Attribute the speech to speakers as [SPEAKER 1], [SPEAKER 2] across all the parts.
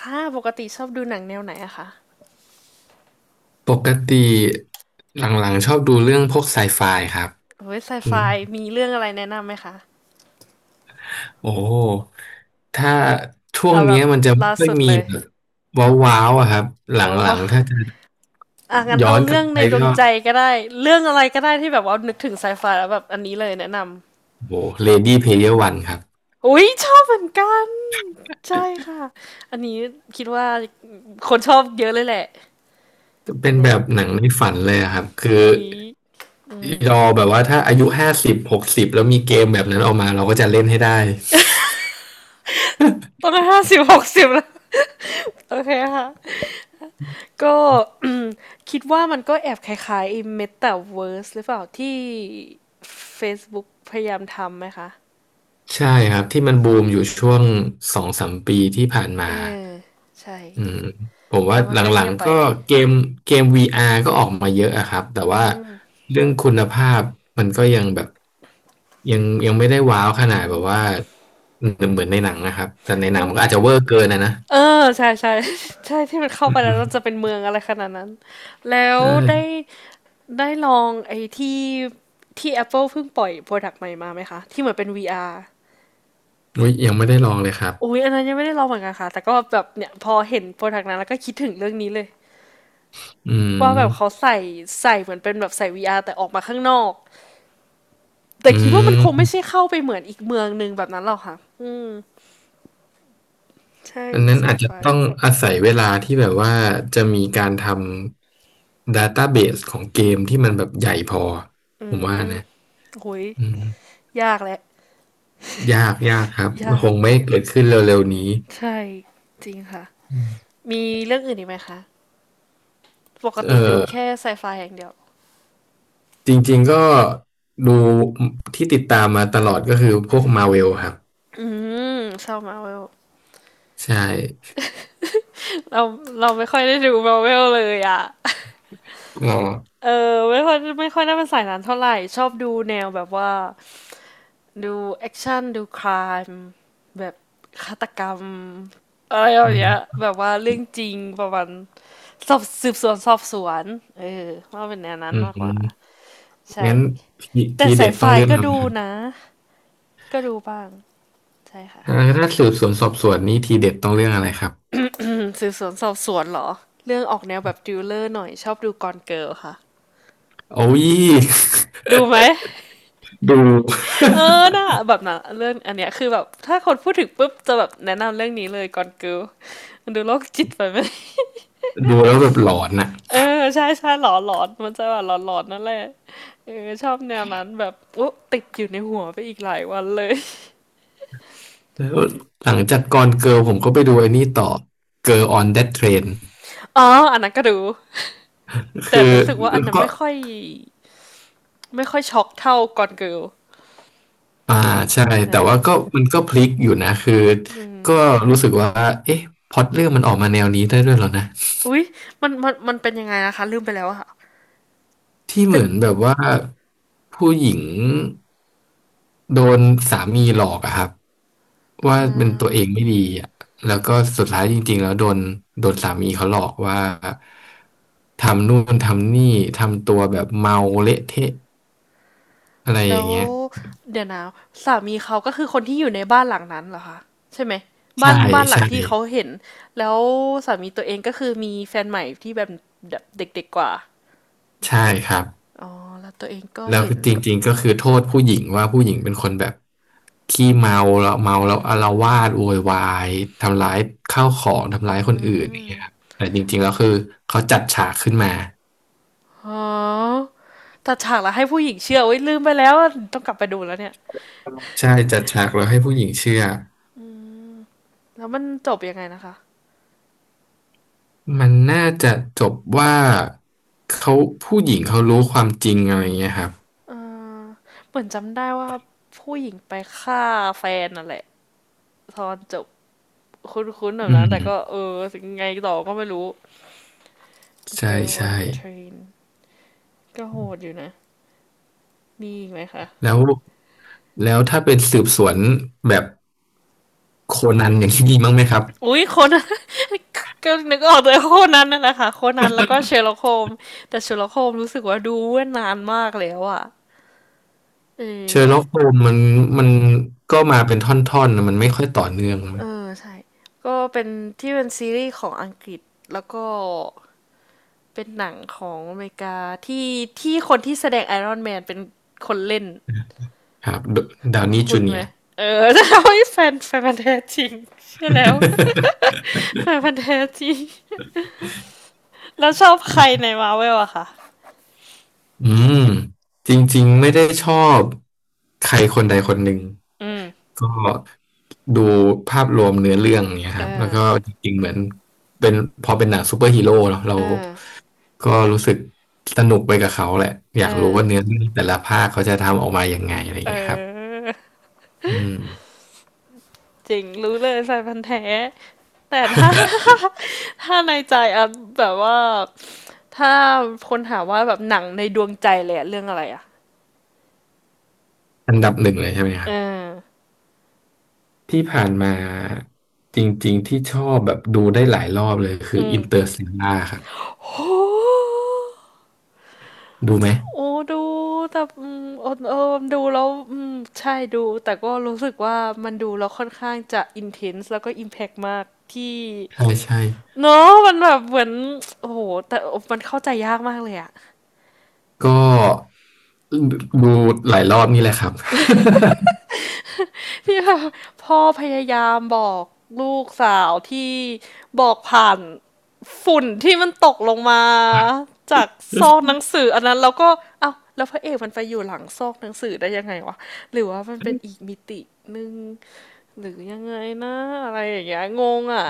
[SPEAKER 1] ค่ะปกติชอบดูหนังแนวไหนอะคะ
[SPEAKER 2] ปกติหลังๆชอบดูเรื่องพวกไซไฟครับ
[SPEAKER 1] เฮ้ยไซ
[SPEAKER 2] อื
[SPEAKER 1] ไฟ
[SPEAKER 2] ม
[SPEAKER 1] มีเรื่องอะไรแนะนำไหมคะ
[SPEAKER 2] โอ้ถ้าช่วง
[SPEAKER 1] เอาแบ
[SPEAKER 2] เนี้ย
[SPEAKER 1] บ
[SPEAKER 2] มันจะไม่
[SPEAKER 1] ล่า
[SPEAKER 2] ค่อย
[SPEAKER 1] สุด
[SPEAKER 2] มี
[SPEAKER 1] เลย
[SPEAKER 2] แบบว้าวๆอะครับห
[SPEAKER 1] ว้า
[SPEAKER 2] ลั
[SPEAKER 1] วา
[SPEAKER 2] งๆถ้าจะ
[SPEAKER 1] อ่ะงั้น
[SPEAKER 2] ย้อ
[SPEAKER 1] เอา
[SPEAKER 2] นกลั
[SPEAKER 1] เรื่อ
[SPEAKER 2] บ
[SPEAKER 1] ง
[SPEAKER 2] ไป
[SPEAKER 1] ในดวง
[SPEAKER 2] ก็
[SPEAKER 1] ใจก็ได้เรื่องอะไรก็ได้ที่แบบว่านึกถึงไซไฟแล้วแบบอันนี้เลยแนะนำ
[SPEAKER 2] โอ้เลดี้เพลเยวันครับ
[SPEAKER 1] อุ้ยชอบเหมือนกันใช่ค่ะอันนี้คิดว่าคนชอบเยอะเลยแหละ
[SPEAKER 2] จะเป็นแบ
[SPEAKER 1] เนี่ย
[SPEAKER 2] บหนังในฝันเลยอะครับคือ
[SPEAKER 1] อุ้ยอืม
[SPEAKER 2] รอแบบว่าถ้าอายุห้าสิบหกสิบแล้วมีเกมแบบนั้นออกมาเราก็จะเล่นให้ได้
[SPEAKER 1] ตอนนั้นห้าสิบหกสิบแล้วโอเคค่ะ ก็ คิดว่ามันก็แอบคล้ายๆไอ้ Metaverse หรือเปล่าที่ Facebook พยายามทำไหมคะ
[SPEAKER 2] ใช่ครับที่มันบูมอยู่ช่วงสองสามปีที่ผ่านมา
[SPEAKER 1] เออใช่
[SPEAKER 2] อืมผมว่า
[SPEAKER 1] แล้วมัน
[SPEAKER 2] ห
[SPEAKER 1] ก็
[SPEAKER 2] ลั
[SPEAKER 1] เงี
[SPEAKER 2] ง
[SPEAKER 1] ยบไป
[SPEAKER 2] ๆก็เกมเกม VR ก็ออกมาเยอะอะครับแต่ว่าเรื่องคุณภาพมันก็ยังแบบยังไม่ได้ว้าวขนาดแบบว่าเหมือนในหนังนะครับแต่ในหนัง
[SPEAKER 1] อุ๊
[SPEAKER 2] มันก็อาจจะเวอร์เกินนะ
[SPEAKER 1] เออใช่ใช่ ใช่ที่มันเข้า
[SPEAKER 2] อื
[SPEAKER 1] ไปแล้วมันจะ
[SPEAKER 2] ม
[SPEAKER 1] เป็นเมืองอะไรขนาดนั้นแล้ว
[SPEAKER 2] ใช่
[SPEAKER 1] ได้ลองไอ้ที่Apple เพิ่งปล่อยโปรดักต์ใหม่มาไหมคะที่เหมือนเป็น VR อาร์
[SPEAKER 2] อุ๊ยยังไม่ได้ลองเลยครับ
[SPEAKER 1] อุ้ยอันนั้นยังไม่ได้ลองเหมือนกันค่ะแต่ก็แบบเนี่ยพอเห็นโปรดักต์นั้นแล้วก็คิดถึงเรื่องนี้เลย
[SPEAKER 2] อื
[SPEAKER 1] ว่าแบบเขา
[SPEAKER 2] ม
[SPEAKER 1] ใส่เหมือนเป็นแบบใส่ VR แต่ออกมาข้างนอกแต่
[SPEAKER 2] อื
[SPEAKER 1] คิดว่ามันคงไม่ใช่
[SPEAKER 2] ม
[SPEAKER 1] เข้าไปเหมือนอีกเมืองหนึ่งแบบนั้นหรอกค่ะอืมใช่
[SPEAKER 2] อันนั้น
[SPEAKER 1] ไซ
[SPEAKER 2] อาจ
[SPEAKER 1] ไฟ
[SPEAKER 2] จะต้องอาศัยเวลาที่แบบว่าจะมีการทำ database ของเกมที่มันแบบใหญ่พอผมว่านะ
[SPEAKER 1] โอ้ย
[SPEAKER 2] อืม
[SPEAKER 1] ยากแหละ
[SPEAKER 2] ยากครับ
[SPEAKER 1] ยา
[SPEAKER 2] ค
[SPEAKER 1] ก
[SPEAKER 2] งไม่เกิดขึ้นเร็วๆนี้
[SPEAKER 1] ใช่จริงค่ะ
[SPEAKER 2] อืม
[SPEAKER 1] มีเรื่องอื่นอีกไหมคะปก
[SPEAKER 2] เอ
[SPEAKER 1] ติดู
[SPEAKER 2] อ
[SPEAKER 1] แค่ไซไฟอย่างเดียว
[SPEAKER 2] จริงๆก็ดูที่ติดตามมาตลอดก็คือพวกมาเวลครับ
[SPEAKER 1] อืมชอบมาเวล
[SPEAKER 2] ใช่
[SPEAKER 1] เราเราไม่ค่อยได้ดูมาเวลเลยอ่ะ
[SPEAKER 2] ก็
[SPEAKER 1] เออไม่ค่อยได้เป็นสายนั้นเท่าไหร่ชอบดูแนวแบบว่า ดูแอคชั่นดูค i ายแบบฆาตกรรมอะไรแบ
[SPEAKER 2] อื
[SPEAKER 1] บเนี้ย
[SPEAKER 2] ม
[SPEAKER 1] แบบว่าเรื่องจริงประมาณสอบสืบสวนสอบสวนเออว่าเป็นแนวนั้
[SPEAKER 2] อื
[SPEAKER 1] น
[SPEAKER 2] ม
[SPEAKER 1] มาก
[SPEAKER 2] อื
[SPEAKER 1] ก
[SPEAKER 2] ม
[SPEAKER 1] ว่าใช่
[SPEAKER 2] งั้นที
[SPEAKER 1] แต่
[SPEAKER 2] ที
[SPEAKER 1] สา
[SPEAKER 2] เด็
[SPEAKER 1] ย
[SPEAKER 2] ด
[SPEAKER 1] ไฟ
[SPEAKER 2] ต้องเรื่อง
[SPEAKER 1] ก็
[SPEAKER 2] อะไร
[SPEAKER 1] ดู
[SPEAKER 2] ครับ
[SPEAKER 1] นะก็ดูบ้างใช่ค่ะ
[SPEAKER 2] ถ้าสืบสวนสอบสวนนี่ทีเด็ดต้องเรื่องอะไรครับ
[SPEAKER 1] อืมสืบสวนสอบสวนเหรอเรื่องออกแนวแบบดิวเลอร์หน่อยชอบดูกอนเกิลค่ะ
[SPEAKER 2] โอ้ย
[SPEAKER 1] ดูไหม
[SPEAKER 2] ดู
[SPEAKER 1] เออน่ะ แบบน่ะเรื่องอันเนี้ยคือแบบถ้าคนพูดถึงปุ๊บจะแบบแนะนำเรื่องนี้เลยกอนเกิลมันดูโรคจิตไปไหม
[SPEAKER 2] ดูแล้วแบบหลอนอะ
[SPEAKER 1] เออใช่ใช่หลอนมันจะแบบหลอนนั่นแหละเออชอบแนวนั้นแบบอุ๊ติดอยู่ในหัวไปอีกหลายวันเลย
[SPEAKER 2] แล้วหลังจากกอนเกิร์ลผมก็ไปดูไอ้นี่ต่อ Girl on That Train
[SPEAKER 1] อ๋ออันนั้นก็ดูแต่
[SPEAKER 2] คือ
[SPEAKER 1] รู้สึกว่าอันนั้น
[SPEAKER 2] ก็
[SPEAKER 1] ไม่ค่อยช็อกเท่าก่อนเกิล
[SPEAKER 2] อ่าใช่ แต่
[SPEAKER 1] นะ
[SPEAKER 2] ว่าก็มันก็พลิกอยู่นะ คือก็รู้สึกว่า เอ๊ะพล็อตเรื่องมันออกมาแนวนี้ได้ด้วยเหรอนะ
[SPEAKER 1] อุ๊ยมันมันเป็นยังไงนะคะลืมไปแล้วอะค่ะ
[SPEAKER 2] ที่เห
[SPEAKER 1] เป็น
[SPEAKER 2] มือนแบบว่าผู้หญิง โดนสามีหลอกอะครับว่าเป็นตัวเองไม่ดีอะแล้วก็สุดท้ายจริงๆแล้วโดนสามีเขาหลอกว่าทำนู่นทำนี่ทำตัวแบบเมาเละเทะอะไรอ
[SPEAKER 1] แล้
[SPEAKER 2] ย่าง
[SPEAKER 1] ว
[SPEAKER 2] เงี้ย
[SPEAKER 1] เดี๋ยวนะสามีเขาก็คือคนที่อยู่ในบ้านหลังนั้นเหรอคะใช่ไหม
[SPEAKER 2] ใช่
[SPEAKER 1] บ้านหลัง
[SPEAKER 2] ใช่
[SPEAKER 1] ที่เขาเห็นแล้วสามีตัวเองก็คือมีแฟนใหม่ที่แบบเด็กๆกว่า
[SPEAKER 2] ใช่ครับ
[SPEAKER 1] อ๋อแล้วตัวเองก็
[SPEAKER 2] แล้ว
[SPEAKER 1] เห็น
[SPEAKER 2] จริงๆก็คือโทษผู้หญิงว่าผู้หญิงเป็นคนแบบขี้เมาแล้วเมาแล้วอาละวาดโวยวายทำร้ายข้าวของทำร้ายคนอื่นอย่างเงี้ยครับแต่จริงๆแล้วคือเขาจัดฉากขึ้นมา
[SPEAKER 1] อ๋อตัดฉากแล้วให้ผู้หญิงเชื่อโอยลืมไปแล้วอะต้องกลับไปดูแล้วเนี่ย
[SPEAKER 2] ใช่จัดฉากแล้วให้ผู้หญิงเชื่อ
[SPEAKER 1] แล้วมันจบยังไงนะคะ
[SPEAKER 2] มันน่าจะจบว่าเขาผู้หญิงเขารู้ความจริงอะไรเงี้ยครับ
[SPEAKER 1] เออเหมือนจำได้ว่าผู้หญิงไปฆ่าแฟนนั่นแหละตอนจบคุ้นๆแบ
[SPEAKER 2] อื
[SPEAKER 1] บนั้นแต่ก็
[SPEAKER 2] ม
[SPEAKER 1] เออยังไงต่อก็ไม่รู้ The
[SPEAKER 2] ใช่
[SPEAKER 1] Girl
[SPEAKER 2] ใช่
[SPEAKER 1] on the Train ก็โหดอยู่นะมีอีกไหมคะ
[SPEAKER 2] แล้วแล้วถ้าเป็นสืบสวนแบบโคนันอย่างที่ดีมั้างไหมครับ
[SPEAKER 1] อุ้ยคนนั้น ก็นึกออกเลยโคนนันนั่นแหละค่ะโคนนันแล้วก็เชอร์ล็อกโฮมส์แต่เชอร์ล็อกโฮมส์รู้สึกว่าดูเมื่อนานมากแล้วอะเออ
[SPEAKER 2] เชอร์ล็อกโฮมมันมันก็มาเป็นท่อนๆนะมันไม่ค่อยต่อเนื่อง
[SPEAKER 1] เออใช่ก็เป็นที่เป็นซีรีส์ของอังกฤษแล้วก็เป็นหนังของอเมริกาที่ที่คนที่แสดงไอรอนแมนเป็นคนเล่น
[SPEAKER 2] ครับาวนี่
[SPEAKER 1] คุ
[SPEAKER 2] จู
[SPEAKER 1] ณ
[SPEAKER 2] เนี
[SPEAKER 1] ไหม
[SPEAKER 2] ยร์
[SPEAKER 1] เออ จะทำให้แฟนพันธุ์แท้จริงใช่อแล้ว แฟนพันธุ์แท้จริงแล้วชอบใครในมาเวลอะคะ
[SPEAKER 2] อืมจริงๆไม่ได้ชอบใครคนใดคนหนึ่ง
[SPEAKER 1] อืม
[SPEAKER 2] ก็ดูภาพรวมเนื้อเรื่องเนี่ย
[SPEAKER 1] เอ
[SPEAKER 2] ครับแล้
[SPEAKER 1] อ
[SPEAKER 2] วก็จริงๆเหมือนเป็นพอเป็นหนังซูเปอร์ฮีโร่เนอะเรา
[SPEAKER 1] เออ
[SPEAKER 2] ก็รู้สึกสนุกไปกับเขาแหละอ
[SPEAKER 1] เอ
[SPEAKER 2] ยากรู้
[SPEAKER 1] อ
[SPEAKER 2] ว่าเนื้อเรื่องแต่ละภาคเขาจะทำออกมายังไงอะไร
[SPEAKER 1] เอ
[SPEAKER 2] เงี้ยครับ
[SPEAKER 1] อ
[SPEAKER 2] อืม
[SPEAKER 1] จริงรู้เลยแฟนพันธุ์แท้แต่ถ้า ถ้าในใจอันแบบว่า ถ้าคนถามว่าแบบหนังในดวงใจเลยอะเรื่องอะไรอะ
[SPEAKER 2] อันดับหนึ่งเลยใช่ไหมค
[SPEAKER 1] เอ
[SPEAKER 2] รั
[SPEAKER 1] อ
[SPEAKER 2] บที่ผ่านมาจริงๆที่ชอบแบบดูได้หลายรอบเลยคือ
[SPEAKER 1] อืม
[SPEAKER 2] อินเตอร์ l ต a ล่าครับ
[SPEAKER 1] โอ้
[SPEAKER 2] ดูไหม
[SPEAKER 1] โอ้ดูแต่อืมเออเออดูแล้วอืมใช่ดูแต่ก็รู้สึกว่ามันดูแล้วค่อนข้างจะอินเทนส์แล้วก็อิมแพกมากที่
[SPEAKER 2] ใช่ใช่
[SPEAKER 1] เนาะมันแบบเหมือน โอ้โหแต่มันเข้าใจยากมากเลยอะ
[SPEAKER 2] ก็ ดูหลายรอบนี่แหละครับ
[SPEAKER 1] ที่แบบพ่อพยายามบอกลูกสาวที่บอกผ่าน ฝุ่นที่มันตกลงมาจากซอกหนัง สืออันนั้นแล้วก็เอ้าแล้วพระเอกมันไปอยู่หลังซอกหนังสือได้ยังไงวะหรือว่ามันเป็นอีกมิติหนึ่งหรือยังไงนะอะไรอย่างเงี้ยงงอ่ะ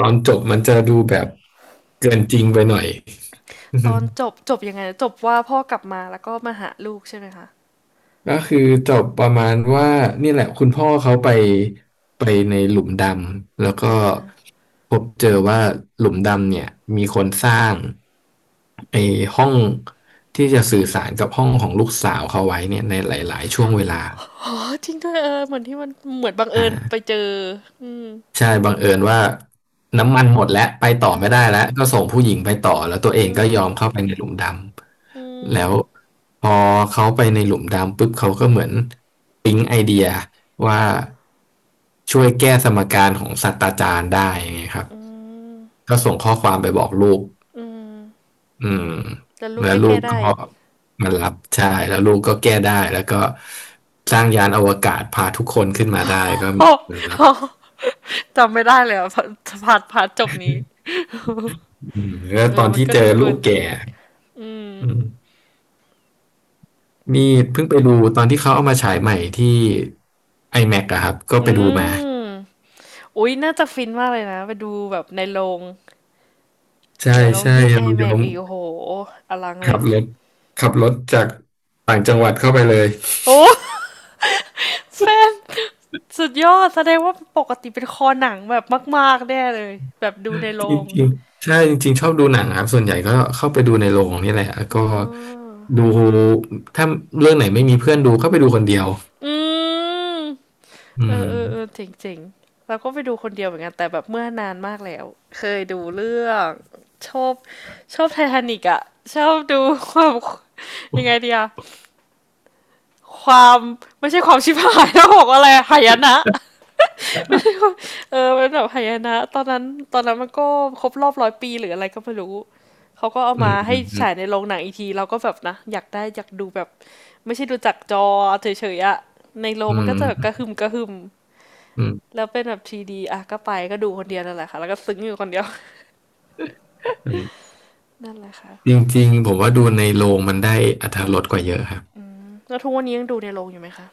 [SPEAKER 2] ตอนจบมันจะดูแบบเกินจริงไปหน่อย
[SPEAKER 1] ตอนจบจบยังไงจบว่าพ่อกลับมาแล้วก็มาหาลูกใช่ไหมคะ
[SPEAKER 2] ก็คือจบประมาณว่านี่แหละคุณพ่อเขาไปไปในหลุมดำแล้ว
[SPEAKER 1] เอ
[SPEAKER 2] ก็
[SPEAKER 1] อ
[SPEAKER 2] พบเจอว่าหลุมดำเนี่ยมีคนสร้างไอ้ห้องที่จะสื่อสารกับห้องของลูกสาวเขาไว้เนี่ยในหลายๆช่วงเวลา
[SPEAKER 1] ออจริงด้วยเออเหมือนที่มันเหมือนบังเอิญไป
[SPEAKER 2] อ่า
[SPEAKER 1] เจออืม
[SPEAKER 2] ใช่บังเอิญว่าน้ำมันหมดแล้วไปต่อ
[SPEAKER 1] เอ
[SPEAKER 2] ไม่ได้
[SPEAKER 1] อ
[SPEAKER 2] แล้วก็ส่งผู้หญิงไปต่อแล้วตัวเอ
[SPEAKER 1] อื
[SPEAKER 2] งก็ยอมเข้า
[SPEAKER 1] ม
[SPEAKER 2] ไปในหลุมด
[SPEAKER 1] อื
[SPEAKER 2] ำแล้ว
[SPEAKER 1] ม
[SPEAKER 2] พอเขาไปในหลุมดำปุ๊บเขาก็เหมือนปิ๊งไอเดียว่าช่วยแก้สมการของศาสตราจารย์ได้ไงครับก็ส่งข้อความไปบอกลูก
[SPEAKER 1] อืม
[SPEAKER 2] อืม
[SPEAKER 1] แล้วลูก
[SPEAKER 2] แล้ว
[SPEAKER 1] ก็
[SPEAKER 2] ลู
[SPEAKER 1] แก้
[SPEAKER 2] กก็
[SPEAKER 1] ได้
[SPEAKER 2] มารับใช่แล้วลูกก็แก้ได้แล้วก็สร้างยานอวกาศพาทุกคนขึ้นมาได้ก็รั บ
[SPEAKER 1] โจำไม่ได้เลยอะพารพาร์ทจบนี้
[SPEAKER 2] อืมแล้ว
[SPEAKER 1] เอ
[SPEAKER 2] ตอ
[SPEAKER 1] อ
[SPEAKER 2] น
[SPEAKER 1] มัน
[SPEAKER 2] ที่
[SPEAKER 1] ก็
[SPEAKER 2] เจอ
[SPEAKER 1] ดูเกิ
[SPEAKER 2] ลูก
[SPEAKER 1] นจ
[SPEAKER 2] แก่
[SPEAKER 1] ริง อืม
[SPEAKER 2] อืมนี่เพิ่งไปดูตอนที่เขาเอามาฉายใหม่ที่ iMac อแม็กซ์อะครับก็ไป
[SPEAKER 1] อื
[SPEAKER 2] ดูมา
[SPEAKER 1] มอุ๊ยน่าจะฟินมากเลยนะไปดูแบบในโรง
[SPEAKER 2] ใช่
[SPEAKER 1] แล้ว
[SPEAKER 2] ใช่
[SPEAKER 1] ยิ่ง IMAX
[SPEAKER 2] เรา
[SPEAKER 1] อ
[SPEAKER 2] ยอ
[SPEAKER 1] แม็กซ์
[SPEAKER 2] ม
[SPEAKER 1] อีกโอ้โหอลังเล
[SPEAKER 2] ขั
[SPEAKER 1] ย
[SPEAKER 2] บรถจากต่างจังหวัดเข้าไปเลย
[SPEAKER 1] โอ้ แฟนสุดยอด แสดงว่าปกติเป็นคอหนังแบบมากๆแน่เลย แบบดูในโร
[SPEAKER 2] จ
[SPEAKER 1] ง
[SPEAKER 2] ริงๆใช่จริงๆชอบดูหนังครับส่วนใหญ่ก็เข้าไปดูในโรงนี่แหละแล้ว
[SPEAKER 1] อ๋
[SPEAKER 2] ก็
[SPEAKER 1] อ
[SPEAKER 2] ดูถ้าเรื่องไหนไม่มีเพื่อนดูก็ไปดูคนเดียว
[SPEAKER 1] อืม
[SPEAKER 2] อื
[SPEAKER 1] เออ
[SPEAKER 2] ม
[SPEAKER 1] เออเออเจ๋งเจ๋งเราก็ไปดูคนเดียวเหมือนกันแต่แบบเมื่อนานมากแล้ว เคยดูเรื่องชอบชอบไททานิกอะชอบดูความ ยังไงดีอะ ความไม่ใช่ความชิบหายนะบอกว่าอะไร หายนะเออเป็นแบบหายนะตอนนั้นตอนนั้นมันก็ครบรอบร้อยปีหรืออะไรก็ไม่รู้เขาก็เอา
[SPEAKER 2] อื
[SPEAKER 1] มา
[SPEAKER 2] ม
[SPEAKER 1] ให้
[SPEAKER 2] อืม
[SPEAKER 1] ฉายในโรงหนังอีกทีเราก็แบบนะอยากได้อยากดูแบบไม่ใช่ดูจากจอเฉยๆอะในโรง
[SPEAKER 2] อื
[SPEAKER 1] มันก็
[SPEAKER 2] ม
[SPEAKER 1] จะแบบกระหึ่มกระหึ่ม
[SPEAKER 2] อืมอืม
[SPEAKER 1] แล้วเป็นแบบ 3D อ่ะก็ไปก็ดูคนเดียวนั่นแหละค่ะแล้วก็ซึ้งอยู่คนเดียว
[SPEAKER 2] อืม
[SPEAKER 1] นั่นแหละค่ะ
[SPEAKER 2] จริงๆผมว่าดูในโรงมันได้อรรถรสกว่าเยอะครับ
[SPEAKER 1] แล้วทุกวันนี้ยังดูในโรงอยู่ไหมคะ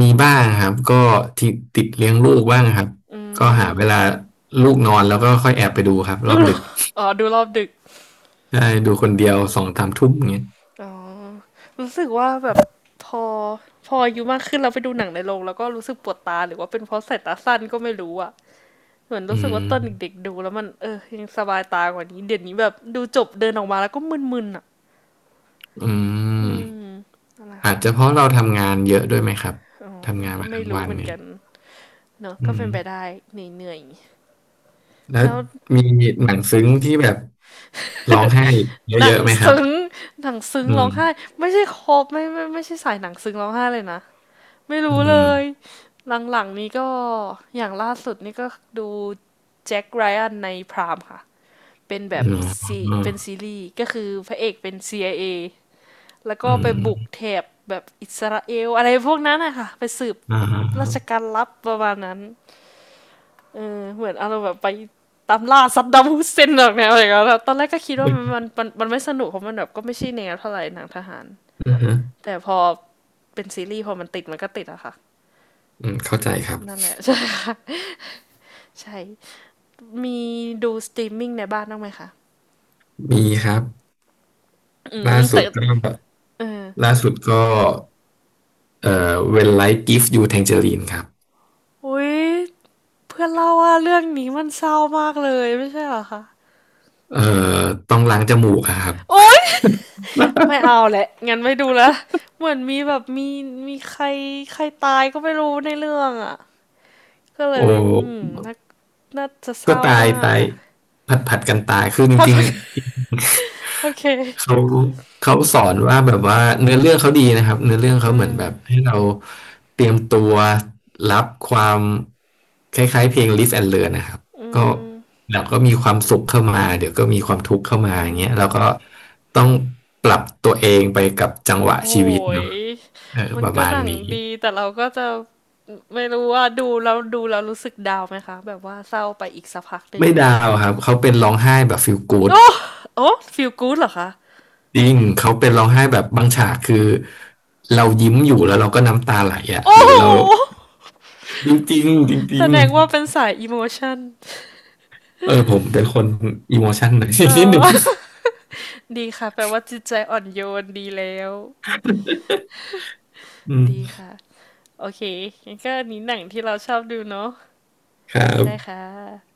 [SPEAKER 2] มีบ้างครับก็ติดเลี้ยงลูกบ้างครับ
[SPEAKER 1] อื
[SPEAKER 2] ก็หา
[SPEAKER 1] ม
[SPEAKER 2] เวลาลูกนอนแล้วก็ค่อยแอบไปดูครับ ร
[SPEAKER 1] ดู
[SPEAKER 2] อบดึก
[SPEAKER 1] อ๋อดูรอบดึก
[SPEAKER 2] ได้ดูคนเดียวสองสามทุ่มอย่างเงี้ย
[SPEAKER 1] อ๋อรู้สึกว่าแบบพอพออายุมากขึ้นเราไปดูหนังในโรงแล้วก็รู้สึกปวดตาหรือว่าเป็นเพราะสายตาสั้นก็ไม่รู้อ่ะเหมือน
[SPEAKER 2] อื
[SPEAKER 1] รู้สึก
[SPEAKER 2] ม
[SPEAKER 1] ว่าตอนเด็กๆดูแล้วมันเออยังสบายตากว่านี้เดี๋ยวนี้แบบดูจบเดินออกมาแล้วก็มึนๆอ่ะ
[SPEAKER 2] อื
[SPEAKER 1] อืม
[SPEAKER 2] ม
[SPEAKER 1] นั่นแหละ
[SPEAKER 2] อาจ
[SPEAKER 1] ค่ะ
[SPEAKER 2] จะเพราะเราทำงานเยอะด้วยไหมครับ
[SPEAKER 1] อ๋อก็
[SPEAKER 2] ทำงานมา
[SPEAKER 1] ไม่
[SPEAKER 2] ทั้ง
[SPEAKER 1] รู้
[SPEAKER 2] วัน
[SPEAKER 1] เหมือน
[SPEAKER 2] นี่
[SPEAKER 1] กันเนอะก็
[SPEAKER 2] อืม
[SPEAKER 1] เป็นไปได้เหนื่อย
[SPEAKER 2] แล้
[SPEAKER 1] ๆ
[SPEAKER 2] ว
[SPEAKER 1] แล้ว
[SPEAKER 2] มีหนังซึ้งที่แบบร้องไห้
[SPEAKER 1] หนั
[SPEAKER 2] เย
[SPEAKER 1] ง
[SPEAKER 2] อะๆไหมครับ
[SPEAKER 1] ซึ้งหนังซึ้ง
[SPEAKER 2] อื
[SPEAKER 1] ร้อง
[SPEAKER 2] ม
[SPEAKER 1] ไห้ไม่ใช่ครบไม่ไม่ไม่ใช่สายหนังซึ้งร้องไห้เลยนะ ไม่
[SPEAKER 2] อื
[SPEAKER 1] รู้เลย
[SPEAKER 2] ม
[SPEAKER 1] หลังๆนี้ก็อย่างล่าสุดนี่ก็ดูแจ็คไรอันในพรามค่ะเป็นแบ
[SPEAKER 2] อื
[SPEAKER 1] บ
[SPEAKER 2] ม
[SPEAKER 1] ซีเป็นซีรีส์ก็คือพระเอกเป็น CIA แล้ว
[SPEAKER 2] อื
[SPEAKER 1] ก็ไปบุก
[SPEAKER 2] ม
[SPEAKER 1] แถบแบบอิสราเอลอะไรพวกนั้นนะคะไปสืบ
[SPEAKER 2] อ่าฮะ
[SPEAKER 1] ราชการลับประมาณนั้นเออเหมือนเอาเราแบบไปตามล่าซัดดัมฮุสเซนหรอกแนวอะไรกยเ้นตอนแรกก็คิดว่ามันมั
[SPEAKER 2] อ
[SPEAKER 1] นมันมันไม่สนุกเพราะมันแบบก็ไม่ใช่แนวเท่าไหร่หนังทหาร
[SPEAKER 2] ืม
[SPEAKER 1] แต่พอเป็นซีรีส์พอมันติดมันก็ติดอะค่ะ
[SPEAKER 2] อืมเข้าใจครับ
[SPEAKER 1] นั่นแหละ ใช่ค่ะ ใช่ มีดูสตรีมมิ่งในบ้านบ้างไหมคะ
[SPEAKER 2] มีครับ
[SPEAKER 1] อืม
[SPEAKER 2] ล่าสุ
[SPEAKER 1] แต่
[SPEAKER 2] ดก็
[SPEAKER 1] เออ
[SPEAKER 2] ล่าสุดก็When Life Gives You Tangerine ครับ
[SPEAKER 1] อุ๊ย เพื่อนเล่าว่าเรื่องนี้มันเศร้ามากเลย ไม่ใช่เหรอคะ
[SPEAKER 2] เอ่อต้องล้างจมูกอะครับ
[SPEAKER 1] โอ๊ย ไม่ เอาแหละ งั้นไม่ดูละเหมือนมีแบบมีใครใครตายก็ไม่รู้ในเรื่องอ่ะก็เล
[SPEAKER 2] โอ
[SPEAKER 1] ย อืม
[SPEAKER 2] ้
[SPEAKER 1] น่าน่าจะเศ
[SPEAKER 2] ก็
[SPEAKER 1] ร้า
[SPEAKER 2] ตาย
[SPEAKER 1] มาก
[SPEAKER 2] ตาย
[SPEAKER 1] อ่ะ
[SPEAKER 2] ผัดกันตายคือ จ
[SPEAKER 1] พัด
[SPEAKER 2] ริง
[SPEAKER 1] พักโอเค
[SPEAKER 2] ๆเขาสอนว่าแบบว่าเนื้อเรื่องเขาดีนะครับเนื้อเรื่องเขา
[SPEAKER 1] อื
[SPEAKER 2] เหมือนแบบให้
[SPEAKER 1] ม
[SPEAKER 2] เราเตรียมตัวรับความคล้ายๆเพลง Live and Learn นะครับ
[SPEAKER 1] อื
[SPEAKER 2] ก็
[SPEAKER 1] ม
[SPEAKER 2] เราก็มีความสุขเข้ามาเดี๋ยวก็มีความทุกข์เข้ามา
[SPEAKER 1] อื
[SPEAKER 2] อย่างเงี้ยเรา
[SPEAKER 1] ม
[SPEAKER 2] ก็ต้องปรับตัวเองไปกับจังห
[SPEAKER 1] โอ้
[SPEAKER 2] วะ
[SPEAKER 1] โห
[SPEAKER 2] ชีวิต
[SPEAKER 1] ย
[SPEAKER 2] เนาะ เออ
[SPEAKER 1] มัน
[SPEAKER 2] ประ
[SPEAKER 1] ก็
[SPEAKER 2] มา
[SPEAKER 1] ห
[SPEAKER 2] ณ
[SPEAKER 1] นัง
[SPEAKER 2] นี้
[SPEAKER 1] ดีแต่เราก็จะไม่รู้ว่าดูแล้วรู้สึกดาวไหมคะแบบว่าเศร้าไปอีกสักพักหนึ่ง
[SPEAKER 2] ไม่ดา
[SPEAKER 1] อีก
[SPEAKER 2] วครับเขาเป็นร้องไห้แบบฟีลกู๊ด
[SPEAKER 1] โอ้ฟีลกู๊ดเหรอคะ
[SPEAKER 2] จริงเขาเป็นร้องไห้แบบบางฉากคือเรายิ้มอยู่แล้วเราก็น้ำตาไหลอ่ะ
[SPEAKER 1] โอ้
[SPEAKER 2] หรื
[SPEAKER 1] โห
[SPEAKER 2] อเราจริงจริงจ
[SPEAKER 1] แส
[SPEAKER 2] ริง
[SPEAKER 1] ดงว่าเป็นสายอิโมชัน
[SPEAKER 2] ๆเออผมเป็นคนอีโมชันหน่อย
[SPEAKER 1] เอ
[SPEAKER 2] นิดหนึ่ง
[SPEAKER 1] อ ดีค่ะแปลว่าจิตใจอ่อนโยนดีแล้ว
[SPEAKER 2] อื
[SPEAKER 1] ดี
[SPEAKER 2] ม
[SPEAKER 1] ค่ะโอเคงั้นก็อันนี้หนังที่เราชอบดูเนาะ
[SPEAKER 2] ครั
[SPEAKER 1] ได้ค
[SPEAKER 2] บ
[SPEAKER 1] ่ะ